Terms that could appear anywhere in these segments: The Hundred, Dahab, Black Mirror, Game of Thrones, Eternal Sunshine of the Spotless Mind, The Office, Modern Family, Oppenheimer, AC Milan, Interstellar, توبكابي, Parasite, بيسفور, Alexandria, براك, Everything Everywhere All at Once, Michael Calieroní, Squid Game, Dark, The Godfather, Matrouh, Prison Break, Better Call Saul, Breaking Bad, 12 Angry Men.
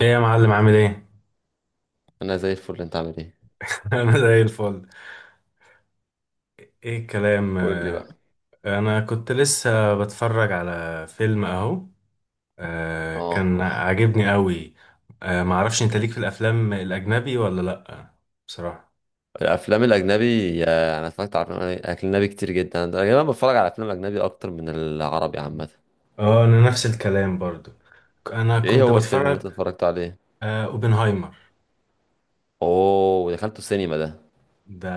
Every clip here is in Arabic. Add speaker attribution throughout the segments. Speaker 1: ايه يا معلم عامل ايه؟
Speaker 2: انا زي الفل، انت عامل ايه؟
Speaker 1: انا زي الفل. ايه الكلام؟
Speaker 2: قول لي بقى.
Speaker 1: انا كنت لسه بتفرج على فيلم اهو.
Speaker 2: اه،
Speaker 1: كان عاجبني قوي. معرفش انت ليك في الافلام الاجنبي ولا لا، بصراحة.
Speaker 2: الافلام الاجنبي، انا اتفرجت على افلام اجنبي كتير جدا. انا غالبا بتفرج على افلام اجنبي اكتر من العربي عامه.
Speaker 1: اه انا نفس الكلام برضو، انا
Speaker 2: ايه
Speaker 1: كنت
Speaker 2: هو الفيلم اللي انت
Speaker 1: بتفرج.
Speaker 2: اتفرجت عليه؟
Speaker 1: اوبنهايمر.
Speaker 2: اوه، دخلته السينما ده؟
Speaker 1: ده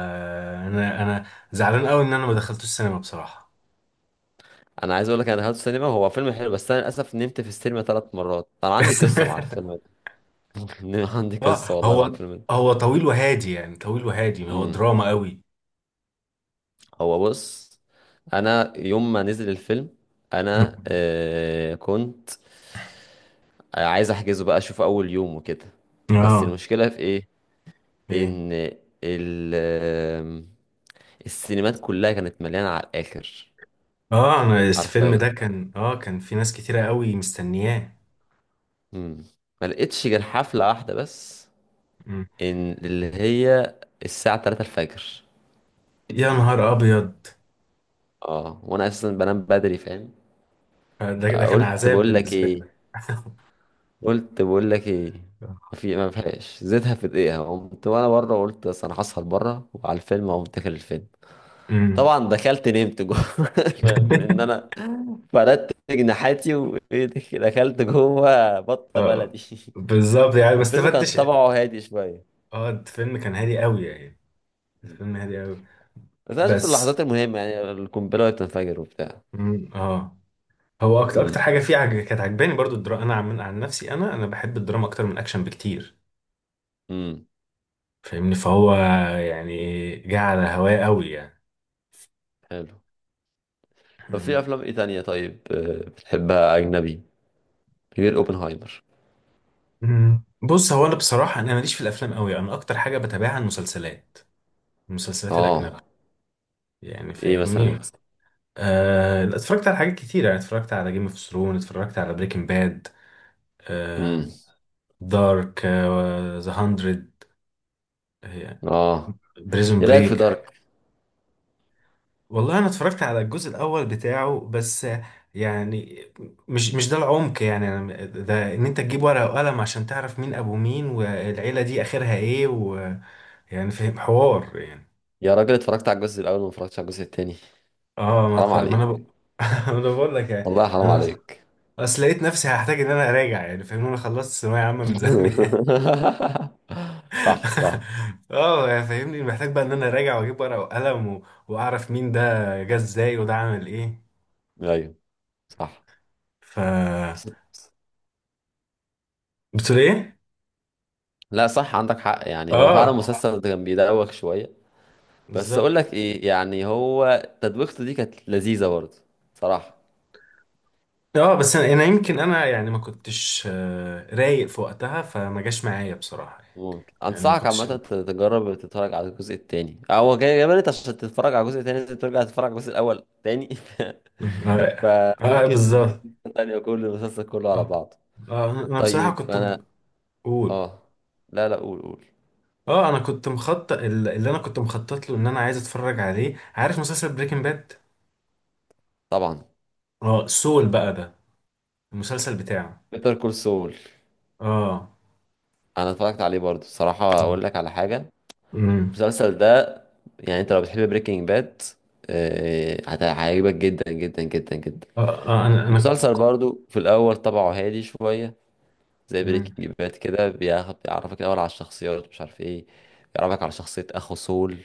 Speaker 1: انا زعلان قوي ان انا ما دخلتوش السينما بصراحة.
Speaker 2: انا عايز اقول لك، انا دخلته السينما. هو فيلم حلو، بس انا للاسف نمت في السينما ثلاث مرات. انا عندي قصه مع الفيلم ده. عندي
Speaker 1: اه.
Speaker 2: قصه والله مع
Speaker 1: هو
Speaker 2: الفيلم ده.
Speaker 1: هو طويل وهادي يعني، طويل وهادي، هو
Speaker 2: امم
Speaker 1: دراما قوي.
Speaker 2: هو بص، انا يوم ما نزل الفيلم انا
Speaker 1: مم.
Speaker 2: كنت عايز احجزه بقى، اشوف اول يوم وكده. بس
Speaker 1: اه.
Speaker 2: المشكله في ايه؟
Speaker 1: ايه؟
Speaker 2: ان ال آم، السينمات كلها كانت مليانه على الاخر.
Speaker 1: اه انا الفيلم
Speaker 2: حرفيا.
Speaker 1: ده كان اه كان في ناس كتيرة قوي مستنياه.
Speaker 2: امم ما لقيتش غير حفله واحده بس،
Speaker 1: مم.
Speaker 2: ان اللي هي الساعه 3 الفجر.
Speaker 1: يا نهار ابيض.
Speaker 2: اه، وانا اساسا بنام بدري، فاهم؟
Speaker 1: ده كان
Speaker 2: فقلت
Speaker 1: عذاب
Speaker 2: بقول لك
Speaker 1: بالنسبة
Speaker 2: ايه،
Speaker 1: لك.
Speaker 2: قلت بقول لك ايه، ما فيهاش زيتها، في دقيقه قمت وانا بره. قلت بس انا هسهر بره، وعلى الفيلم اقوم داخل الفيلم.
Speaker 1: امم
Speaker 2: طبعا دخلت نمت جوه. فاهم ان انا فردت جناحاتي وايه، دخلت جوه بطه
Speaker 1: اه
Speaker 2: بلدي.
Speaker 1: بالظبط، يعني ما
Speaker 2: والفيلم كان
Speaker 1: استفدتش.
Speaker 2: طبعه هادي شويه،
Speaker 1: اه الفيلم كان هادي قوي يعني، الفيلم هادي قوي،
Speaker 2: بس انا شفت
Speaker 1: بس.
Speaker 2: اللحظات المهمه، يعني القنبله وهي بتنفجر وبتاع.
Speaker 1: مم، اه هو اكتر اكتر
Speaker 2: امم
Speaker 1: حاجه فيه كانت عجباني برضو الدراما، انا عن نفسي، انا بحب الدراما اكتر من الاكشن بكتير،
Speaker 2: امم
Speaker 1: فاهمني. فهو، يعني جه على هواه قوي يعني.
Speaker 2: حلو. طب في
Speaker 1: إمم.
Speaker 2: افلام ايه تانية طيب، بتحبها اجنبي غير اوبنهايمر؟
Speaker 1: مم. بص هو انا بصراحه انا ماليش في الافلام قوي، انا اكتر حاجه بتابعها المسلسلات، المسلسلات
Speaker 2: اه.
Speaker 1: الاجنبيه، يعني
Speaker 2: ايه
Speaker 1: فاهمني.
Speaker 2: مثلا؟
Speaker 1: آه اتفرجت على حاجات كتير يعني، اتفرجت على جيم اوف ثرون، اتفرجت على بريكنج باد، آه،
Speaker 2: امم.
Speaker 1: دارك، ذا هاندرد،
Speaker 2: اه.
Speaker 1: بريزون
Speaker 2: ايه رايك في
Speaker 1: بريك.
Speaker 2: دارك؟
Speaker 1: والله انا اتفرجت على الجزء الاول بتاعه بس، يعني مش ده العمق، يعني ده ان انت تجيب ورقه وقلم عشان تعرف مين ابو مين والعيله دي اخرها ايه ويعني، فاهم حوار يعني.
Speaker 2: يا راجل، اتفرجت على الجزء الاول وما اتفرجتش على الجزء التاني؟
Speaker 1: اه ما
Speaker 2: حرام
Speaker 1: تف... ما
Speaker 2: عليك.
Speaker 1: انا ب... ما انا بقول لك يعني.
Speaker 2: والله حرام
Speaker 1: انا أص-
Speaker 2: عليك.
Speaker 1: اصل لقيت نفسي هحتاج ان انا اراجع، يعني فاهمني، انا خلصت ثانويه عامه من زمان.
Speaker 2: صح، صح.
Speaker 1: اه يعني فاهمني، محتاج بقى ان انا اراجع واجيب ورقه وقلم و... واعرف مين ده جه ازاي وده عمل ايه.
Speaker 2: ايوه، صح.
Speaker 1: ف، بتقول ايه؟
Speaker 2: لا، صح، عندك حق. يعني هو فعلا
Speaker 1: اه
Speaker 2: المسلسل ده كان بيدوخ شوية. بس اقول
Speaker 1: بالظبط.
Speaker 2: لك ايه، يعني هو تدويخته دي كانت لذيذة برضه، صراحة.
Speaker 1: اه بس انا يمكن انا يعني ما كنتش رايق في وقتها، فما جاش معايا بصراحه،
Speaker 2: ممكن
Speaker 1: يعني ما
Speaker 2: انصحك عامة
Speaker 1: كنتش.
Speaker 2: تجرب تتفرج على الجزء التاني. هو جاي بالك، عشان تتفرج على الجزء التاني لازم ترجع تتفرج على الجزء الاول تاني.
Speaker 1: اه
Speaker 2: فممكن تديله
Speaker 1: بالظبط.
Speaker 2: فرصة تانية، كل المسلسل كله على
Speaker 1: اه
Speaker 2: بعضه.
Speaker 1: انا بصراحه
Speaker 2: طيب
Speaker 1: كنت.
Speaker 2: انا،
Speaker 1: قول.
Speaker 2: اه، لا لا، قول قول.
Speaker 1: اه انا كنت مخطط، اللي انا كنت مخطط له ان انا عايز اتفرج عليه، عارف مسلسل بريكنج باد.
Speaker 2: طبعا.
Speaker 1: اه سول بقى، ده المسلسل بتاعه.
Speaker 2: بيتر كول سول.
Speaker 1: اه.
Speaker 2: انا اتفرجت عليه برضه، صراحة اقول لك على حاجة.
Speaker 1: امم
Speaker 2: المسلسل ده، يعني انت لو بتحب بريكنج باد هيعجبك جدا جدا جدا جدا.
Speaker 1: اه انا.
Speaker 2: مسلسل برضو في الاول طبعه هادي شويه، زي
Speaker 1: مم.
Speaker 2: بريكنج باد كده، بياخد بيعرفك الاول على الشخصيات، مش عارف ايه. بيعرفك على شخصيه اخو سول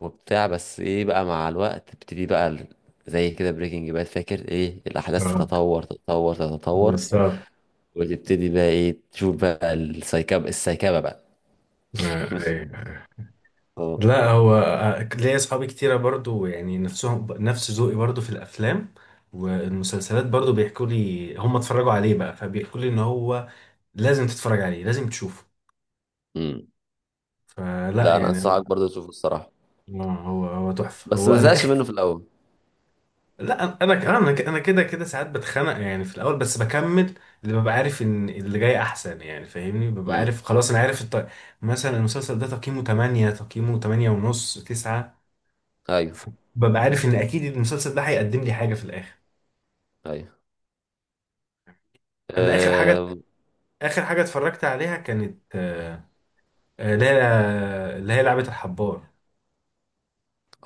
Speaker 2: وبتاع، بس ايه بقى، مع الوقت تبتدي بقى زي كده بريكنج باد، فاكر ايه، الاحداث
Speaker 1: اه
Speaker 2: تتطور تتطور تتطور،
Speaker 1: بالظبط.
Speaker 2: وتبتدي بقى ايه، تشوف بقى السايكابه بقى.
Speaker 1: أيوة.
Speaker 2: اه.
Speaker 1: لا هو ليا اصحابي كتيره برضو، يعني نفسهم نفس ذوقي برضو في الافلام والمسلسلات، برضو بيحكوا لي هم اتفرجوا عليه بقى، فبيحكوا لي ان هو لازم تتفرج عليه، لازم تشوفه.
Speaker 2: امم.
Speaker 1: فلا
Speaker 2: لا، انا
Speaker 1: يعني.
Speaker 2: انصحك برضو تشوفه الصراحه،
Speaker 1: هو تحفه،
Speaker 2: بس
Speaker 1: هو
Speaker 2: ما
Speaker 1: انا.
Speaker 2: زهقش منه في الاول.
Speaker 1: لا انا كمان انا أنا كده ساعات بتخنق يعني في الاول، بس بكمل. اللي ببقى عارف ان اللي جاي احسن، يعني فاهمني، ببقى
Speaker 2: امم.
Speaker 1: عارف خلاص انا عارف مثلا المسلسل ده تقييمه 8، تقييمه 8 ونص، 9.
Speaker 2: ايوه،
Speaker 1: ببقى عارف ان اكيد المسلسل ده هيقدم لي حاجه في الاخر.
Speaker 2: ايوه.
Speaker 1: انا اخر حاجه،
Speaker 2: اه.
Speaker 1: اخر حاجه اتفرجت عليها كانت اللي هي، اللي هي لعبه الحبار.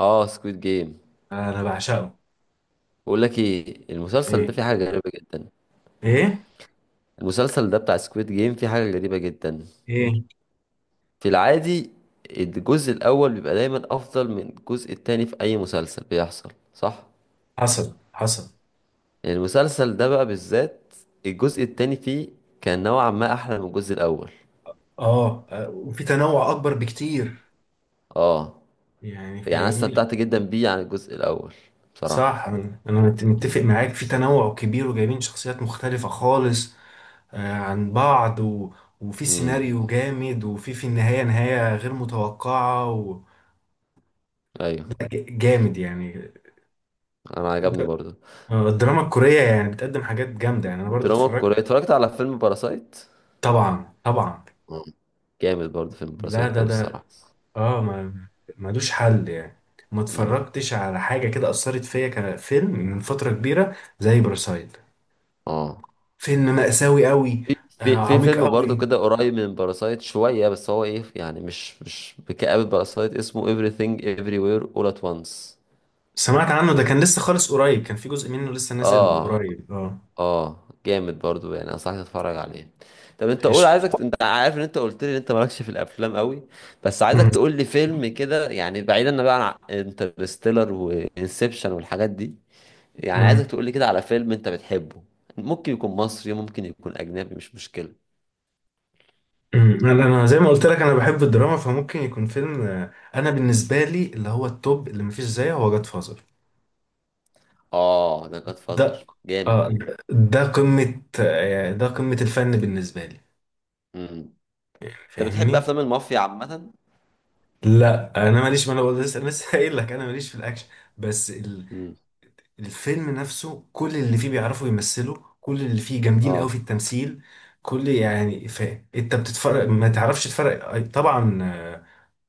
Speaker 2: آه، سكويد جيم.
Speaker 1: انا بعشقه.
Speaker 2: بقول لك ايه، المسلسل ده
Speaker 1: ايه؟
Speaker 2: فيه حاجه غريبه جدا.
Speaker 1: ايه؟
Speaker 2: المسلسل ده بتاع سكويد جيم فيه حاجه غريبه جدا.
Speaker 1: ايه؟
Speaker 2: في العادي الجزء الاول بيبقى دايما افضل من الجزء التاني في اي مسلسل، بيحصل صح؟
Speaker 1: حصل حصل.
Speaker 2: يعني المسلسل ده بقى بالذات الجزء التاني فيه كان نوعا ما احلى من الجزء الاول.
Speaker 1: اه وفي تنوع اكبر بكتير،
Speaker 2: اه.
Speaker 1: يعني
Speaker 2: يعني انا
Speaker 1: فاهمني.
Speaker 2: استمتعت جدا بيه عن الجزء الاول، بصراحه.
Speaker 1: صح انا متفق معاك في تنوع كبير وجايبين شخصيات مختلفة خالص عن بعض و... وفي
Speaker 2: امم.
Speaker 1: سيناريو جامد وفي في النهاية نهاية غير متوقعة و...
Speaker 2: ايوه.
Speaker 1: لا، جامد يعني.
Speaker 2: انا عجبني
Speaker 1: الد-
Speaker 2: برضه.
Speaker 1: الدراما الكورية يعني بتقدم حاجات جامدة، يعني انا برضو
Speaker 2: الدراما
Speaker 1: اتفرجت.
Speaker 2: الكورية، اتفرجت على فيلم باراسايت.
Speaker 1: طبعا طبعا.
Speaker 2: آه. جامد برضه فيلم
Speaker 1: ده
Speaker 2: باراسايت
Speaker 1: ده
Speaker 2: أوي،
Speaker 1: ده
Speaker 2: الصراحة.
Speaker 1: اه ما ملوش حل يعني، ما
Speaker 2: امم.
Speaker 1: اتفرجتش على حاجة كده أثرت فيا كفيلم من فترة كبيرة زي باراسايت.
Speaker 2: اه.
Speaker 1: فيلم مأساوي قوي.
Speaker 2: في
Speaker 1: آه،
Speaker 2: في في
Speaker 1: عميق
Speaker 2: فيلم برضه
Speaker 1: قوي.
Speaker 2: كده قريب من باراسايت شوية، بس هو ايه يعني، مش بكآبة باراسايت، اسمه Everything Everywhere All at Once.
Speaker 1: سمعت عنه، ده كان لسه خالص قريب، كان في جزء منه لسه نازل اه
Speaker 2: اه.
Speaker 1: قريب اه.
Speaker 2: اه، جامد برضه، يعني انصحك تتفرج عليه. طب انت قول، عايزك،
Speaker 1: قشطة.
Speaker 2: انت عارف ان انت قلت لي ان انت مالكش في الافلام قوي، بس عايزك
Speaker 1: أمم.
Speaker 2: تقول لي فيلم كده، يعني بعيدا بقى عن انترستيلر وانسبشن والحاجات دي. يعني
Speaker 1: أمم.
Speaker 2: عايزك تقولي كده على فيلم انت بتحبه. ممكن يكون مصري، ممكن يكون اجنبي، مش مشكلة.
Speaker 1: أمم. انا زي ما قلت لك، انا بحب الدراما، فممكن يكون فيلم انا بالنسبه لي اللي هو التوب اللي مفيش زيه هو جاد فازر.
Speaker 2: اه، ده جاد
Speaker 1: ده،
Speaker 2: فازر جامد.
Speaker 1: اه ده قمه ده قمه الفن بالنسبه لي،
Speaker 2: امم. انت بتحب
Speaker 1: فاهمني.
Speaker 2: افلام المافيا عامة؟
Speaker 1: لا انا ماليش، ما انا بقول لسه، قايل لك انا ماليش في الاكشن، بس.
Speaker 2: امم.
Speaker 1: الفيلم نفسه كل اللي فيه بيعرفوا يمثلوا، كل اللي فيه جامدين قوي في
Speaker 2: اه.
Speaker 1: التمثيل، كل يعني انت بتتفرج ما تعرفش تفرق طبعا.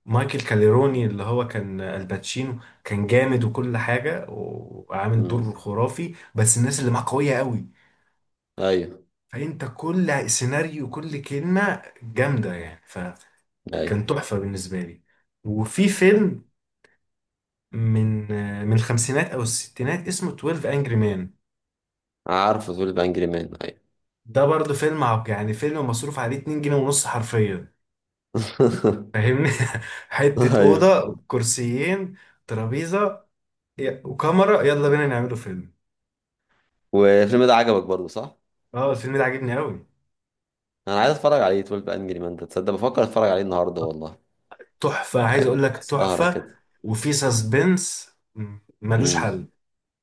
Speaker 1: مايكل كاليروني اللي هو كان الباتشينو كان جامد وكل حاجة وعامل
Speaker 2: امم.
Speaker 1: دور خرافي، بس الناس اللي معاه قوية قوي،
Speaker 2: ايوه،
Speaker 1: فانت كل سيناريو وكل كلمة جامدة يعني، فكان
Speaker 2: ايوه،
Speaker 1: تحفة بالنسبة لي. وفي فيلم من من الخمسينات او الستينات اسمه 12 انجري مان،
Speaker 2: عارفه تقول بانجري مان، ايوه.
Speaker 1: ده برضه فيلم عب يعني فيلم مصروف عليه 2 جنيه ونص حرفيا، فاهمني. حتة
Speaker 2: ايوه.
Speaker 1: أوضة، كرسيين، ترابيزة، وكاميرا، يلا بينا نعمله فيلم.
Speaker 2: والفيلم ده عجبك برضه صح؟
Speaker 1: اه الفيلم ده عاجبني أوي،
Speaker 2: انا عايز اتفرج عليه، 12 انجري مان ده، تصدق بفكر اتفرج عليه النهارده والله.
Speaker 1: تحفة عايز
Speaker 2: يعني
Speaker 1: أقول لك
Speaker 2: سهرة
Speaker 1: تحفة،
Speaker 2: كده.
Speaker 1: وفي سسبنس ملوش
Speaker 2: امم.
Speaker 1: حل،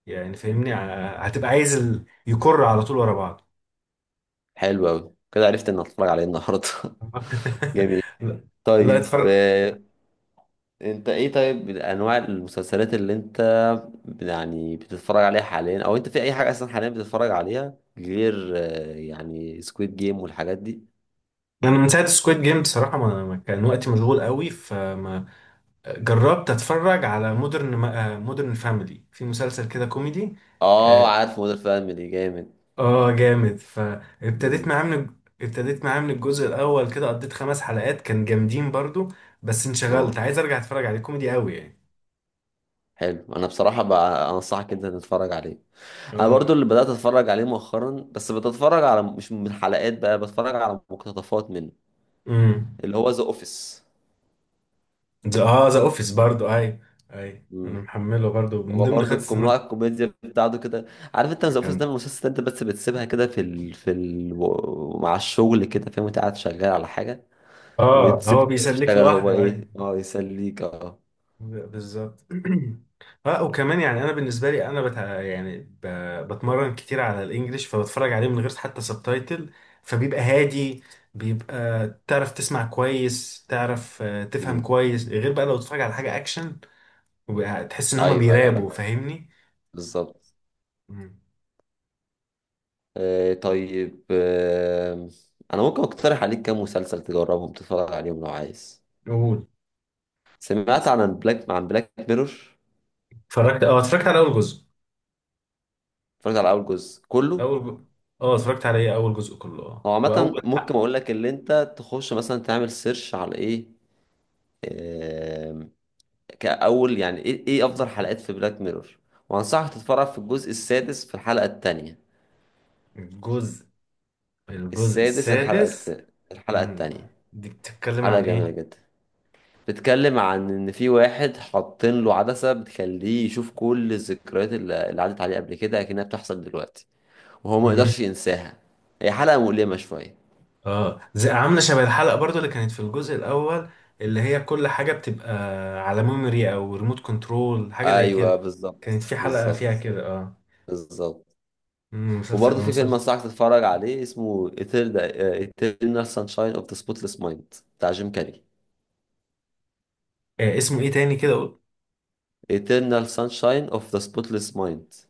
Speaker 1: يعني فاهمني. هتبقى عايز ال... يكر على طول ورا بعض.
Speaker 2: حلو قوي، كده عرفت ان اتفرج عليه النهارده. جميل.
Speaker 1: لا لا
Speaker 2: طيب،
Speaker 1: اتفرج.
Speaker 2: انت ايه طيب انواع المسلسلات اللي انت يعني بتتفرج عليها حاليا، او انت في اي حاجه اصلا حاليا بتتفرج عليها، غير يعني سكويد جيم والحاجات دي؟
Speaker 1: انا من ساعه سكويد جيم بصراحه ما كان وقتي مشغول قوي، فما جربت اتفرج على مودرن فاميلي، في مسلسل كده كوميدي.
Speaker 2: اه،
Speaker 1: اه
Speaker 2: عارف مودر فاميلي جامد.
Speaker 1: جامد، فابتديت
Speaker 2: مم.
Speaker 1: معاه من، ابتديت معاه من الجزء الاول كده، قضيت خمس حلقات كان جامدين برضو، بس انشغلت،
Speaker 2: اه.
Speaker 1: عايز ارجع اتفرج عليه، كوميدي قوي يعني.
Speaker 2: حلو، انا بصراحه بقى انصحك انت تتفرج عليه. انا
Speaker 1: اه.
Speaker 2: برضو اللي بدات اتفرج عليه مؤخرا، بس بتتفرج على، مش من حلقات بقى، بتفرج على مقتطفات منه،
Speaker 1: امم
Speaker 2: اللي هو ذا اوفيس.
Speaker 1: ذا، اه ذا اوفيس برضو، اي اي انا محمله برضو من
Speaker 2: هو
Speaker 1: ضمن
Speaker 2: برضه
Speaker 1: خمس سنوات.
Speaker 2: نوع الكوميديا بتاعته كده، عارف، انت ذا اوفيس ده
Speaker 1: كان
Speaker 2: من المسلسل انت بس بتسيبها كده في ال... في ال... مع الشغل كده، فاهم، انت قاعد شغال على حاجه
Speaker 1: اه هو
Speaker 2: وتسيبه كده
Speaker 1: بيسلك
Speaker 2: يشتغل هو،
Speaker 1: لوحده.
Speaker 2: ايه، اه يسليك، اه.
Speaker 1: بالظبط. اه وكمان يعني انا بالنسبه لي انا بتمرن كتير على الانجليش، فبتفرج عليه من غير حتى سبتايتل، فبيبقى هادي، بيبقى تعرف تسمع كويس، تعرف تفهم
Speaker 2: امم.
Speaker 1: كويس، غير بقى لو تتفرج على حاجه اكشن وبقى تحس ان هما
Speaker 2: ايوه ايوه،
Speaker 1: بيرابوا،
Speaker 2: لا،
Speaker 1: فاهمني.
Speaker 2: بالظبط.
Speaker 1: مم.
Speaker 2: آه، طيب، آه، انا ممكن اقترح عليك كام مسلسل تجربهم تتفرج عليهم لو عايز؟
Speaker 1: قول.
Speaker 2: سمعت عن عن بلاك ميرور؟
Speaker 1: اتفرجت اه اتفرجت على اول جزء.
Speaker 2: اتفرجت على اول جزء كله.
Speaker 1: اول ج... اه اتفرجت على ايه اول جزء كله، اه
Speaker 2: هو عامه
Speaker 1: واول
Speaker 2: ممكن
Speaker 1: حق.
Speaker 2: اقول لك، اللي انت تخش مثلا تعمل سيرش على ايه كأول، يعني إيه، إيه أفضل حلقات في بلاك ميرور، وأنصحك تتفرج في الجزء السادس في الحلقة التانية.
Speaker 1: الجزء الجزء
Speaker 2: السادس، الحلقة
Speaker 1: السادس.
Speaker 2: الحلقة
Speaker 1: مم.
Speaker 2: التانية.
Speaker 1: دي بتتكلم
Speaker 2: حلقة
Speaker 1: عن
Speaker 2: جميلة جدا، بتتكلم عن إن في واحد حاطين له عدسة بتخليه يشوف كل الذكريات اللي عدت عليه قبل كده، أكنها بتحصل دلوقتي، وهو ما
Speaker 1: ايه؟
Speaker 2: يقدرش ينساها. هي حلقة مؤلمة شوية.
Speaker 1: اه زي عامله شبه الحلقه برضو اللي كانت في الجزء الاول، اللي هي كل حاجه بتبقى على ميموري او ريموت كنترول، حاجه زي
Speaker 2: أيوه،
Speaker 1: كده، كانت
Speaker 2: بالظبط،
Speaker 1: في حلقه فيها
Speaker 2: بالظبط،
Speaker 1: كده اه.
Speaker 2: بالظبط. وبرضه في فيلم
Speaker 1: المسلسل.
Speaker 2: أنصحك تتفرج عليه اسمه Eternal، Eternal Sunshine of the Spotless Mind، بتاع جيم كاري.
Speaker 1: آه اسمه ايه تاني كده، قول-.
Speaker 2: Eternal Sunshine of the Spotless Mind.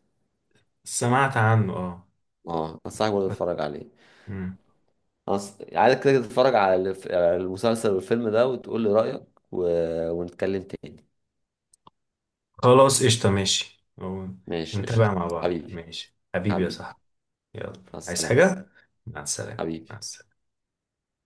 Speaker 1: سمعت عنه اه.
Speaker 2: اه، انصحك برضه
Speaker 1: بس-
Speaker 2: تتفرج عليه.
Speaker 1: مم.
Speaker 2: عايزك كده تتفرج على على المسلسل والفيلم ده وتقول لي رأيك، و... ونتكلم تاني.
Speaker 1: خلاص قشطه ماشي
Speaker 2: ماشي، قشطة.
Speaker 1: نتابع مع بعض،
Speaker 2: حبيبي،
Speaker 1: ماشي حبيبي يا
Speaker 2: حبيبي.
Speaker 1: صاحبي، يلا،
Speaker 2: مع
Speaker 1: عايز
Speaker 2: السلامة.
Speaker 1: حاجه؟ مع السلامه، مع
Speaker 2: حبيبي.
Speaker 1: السلامه.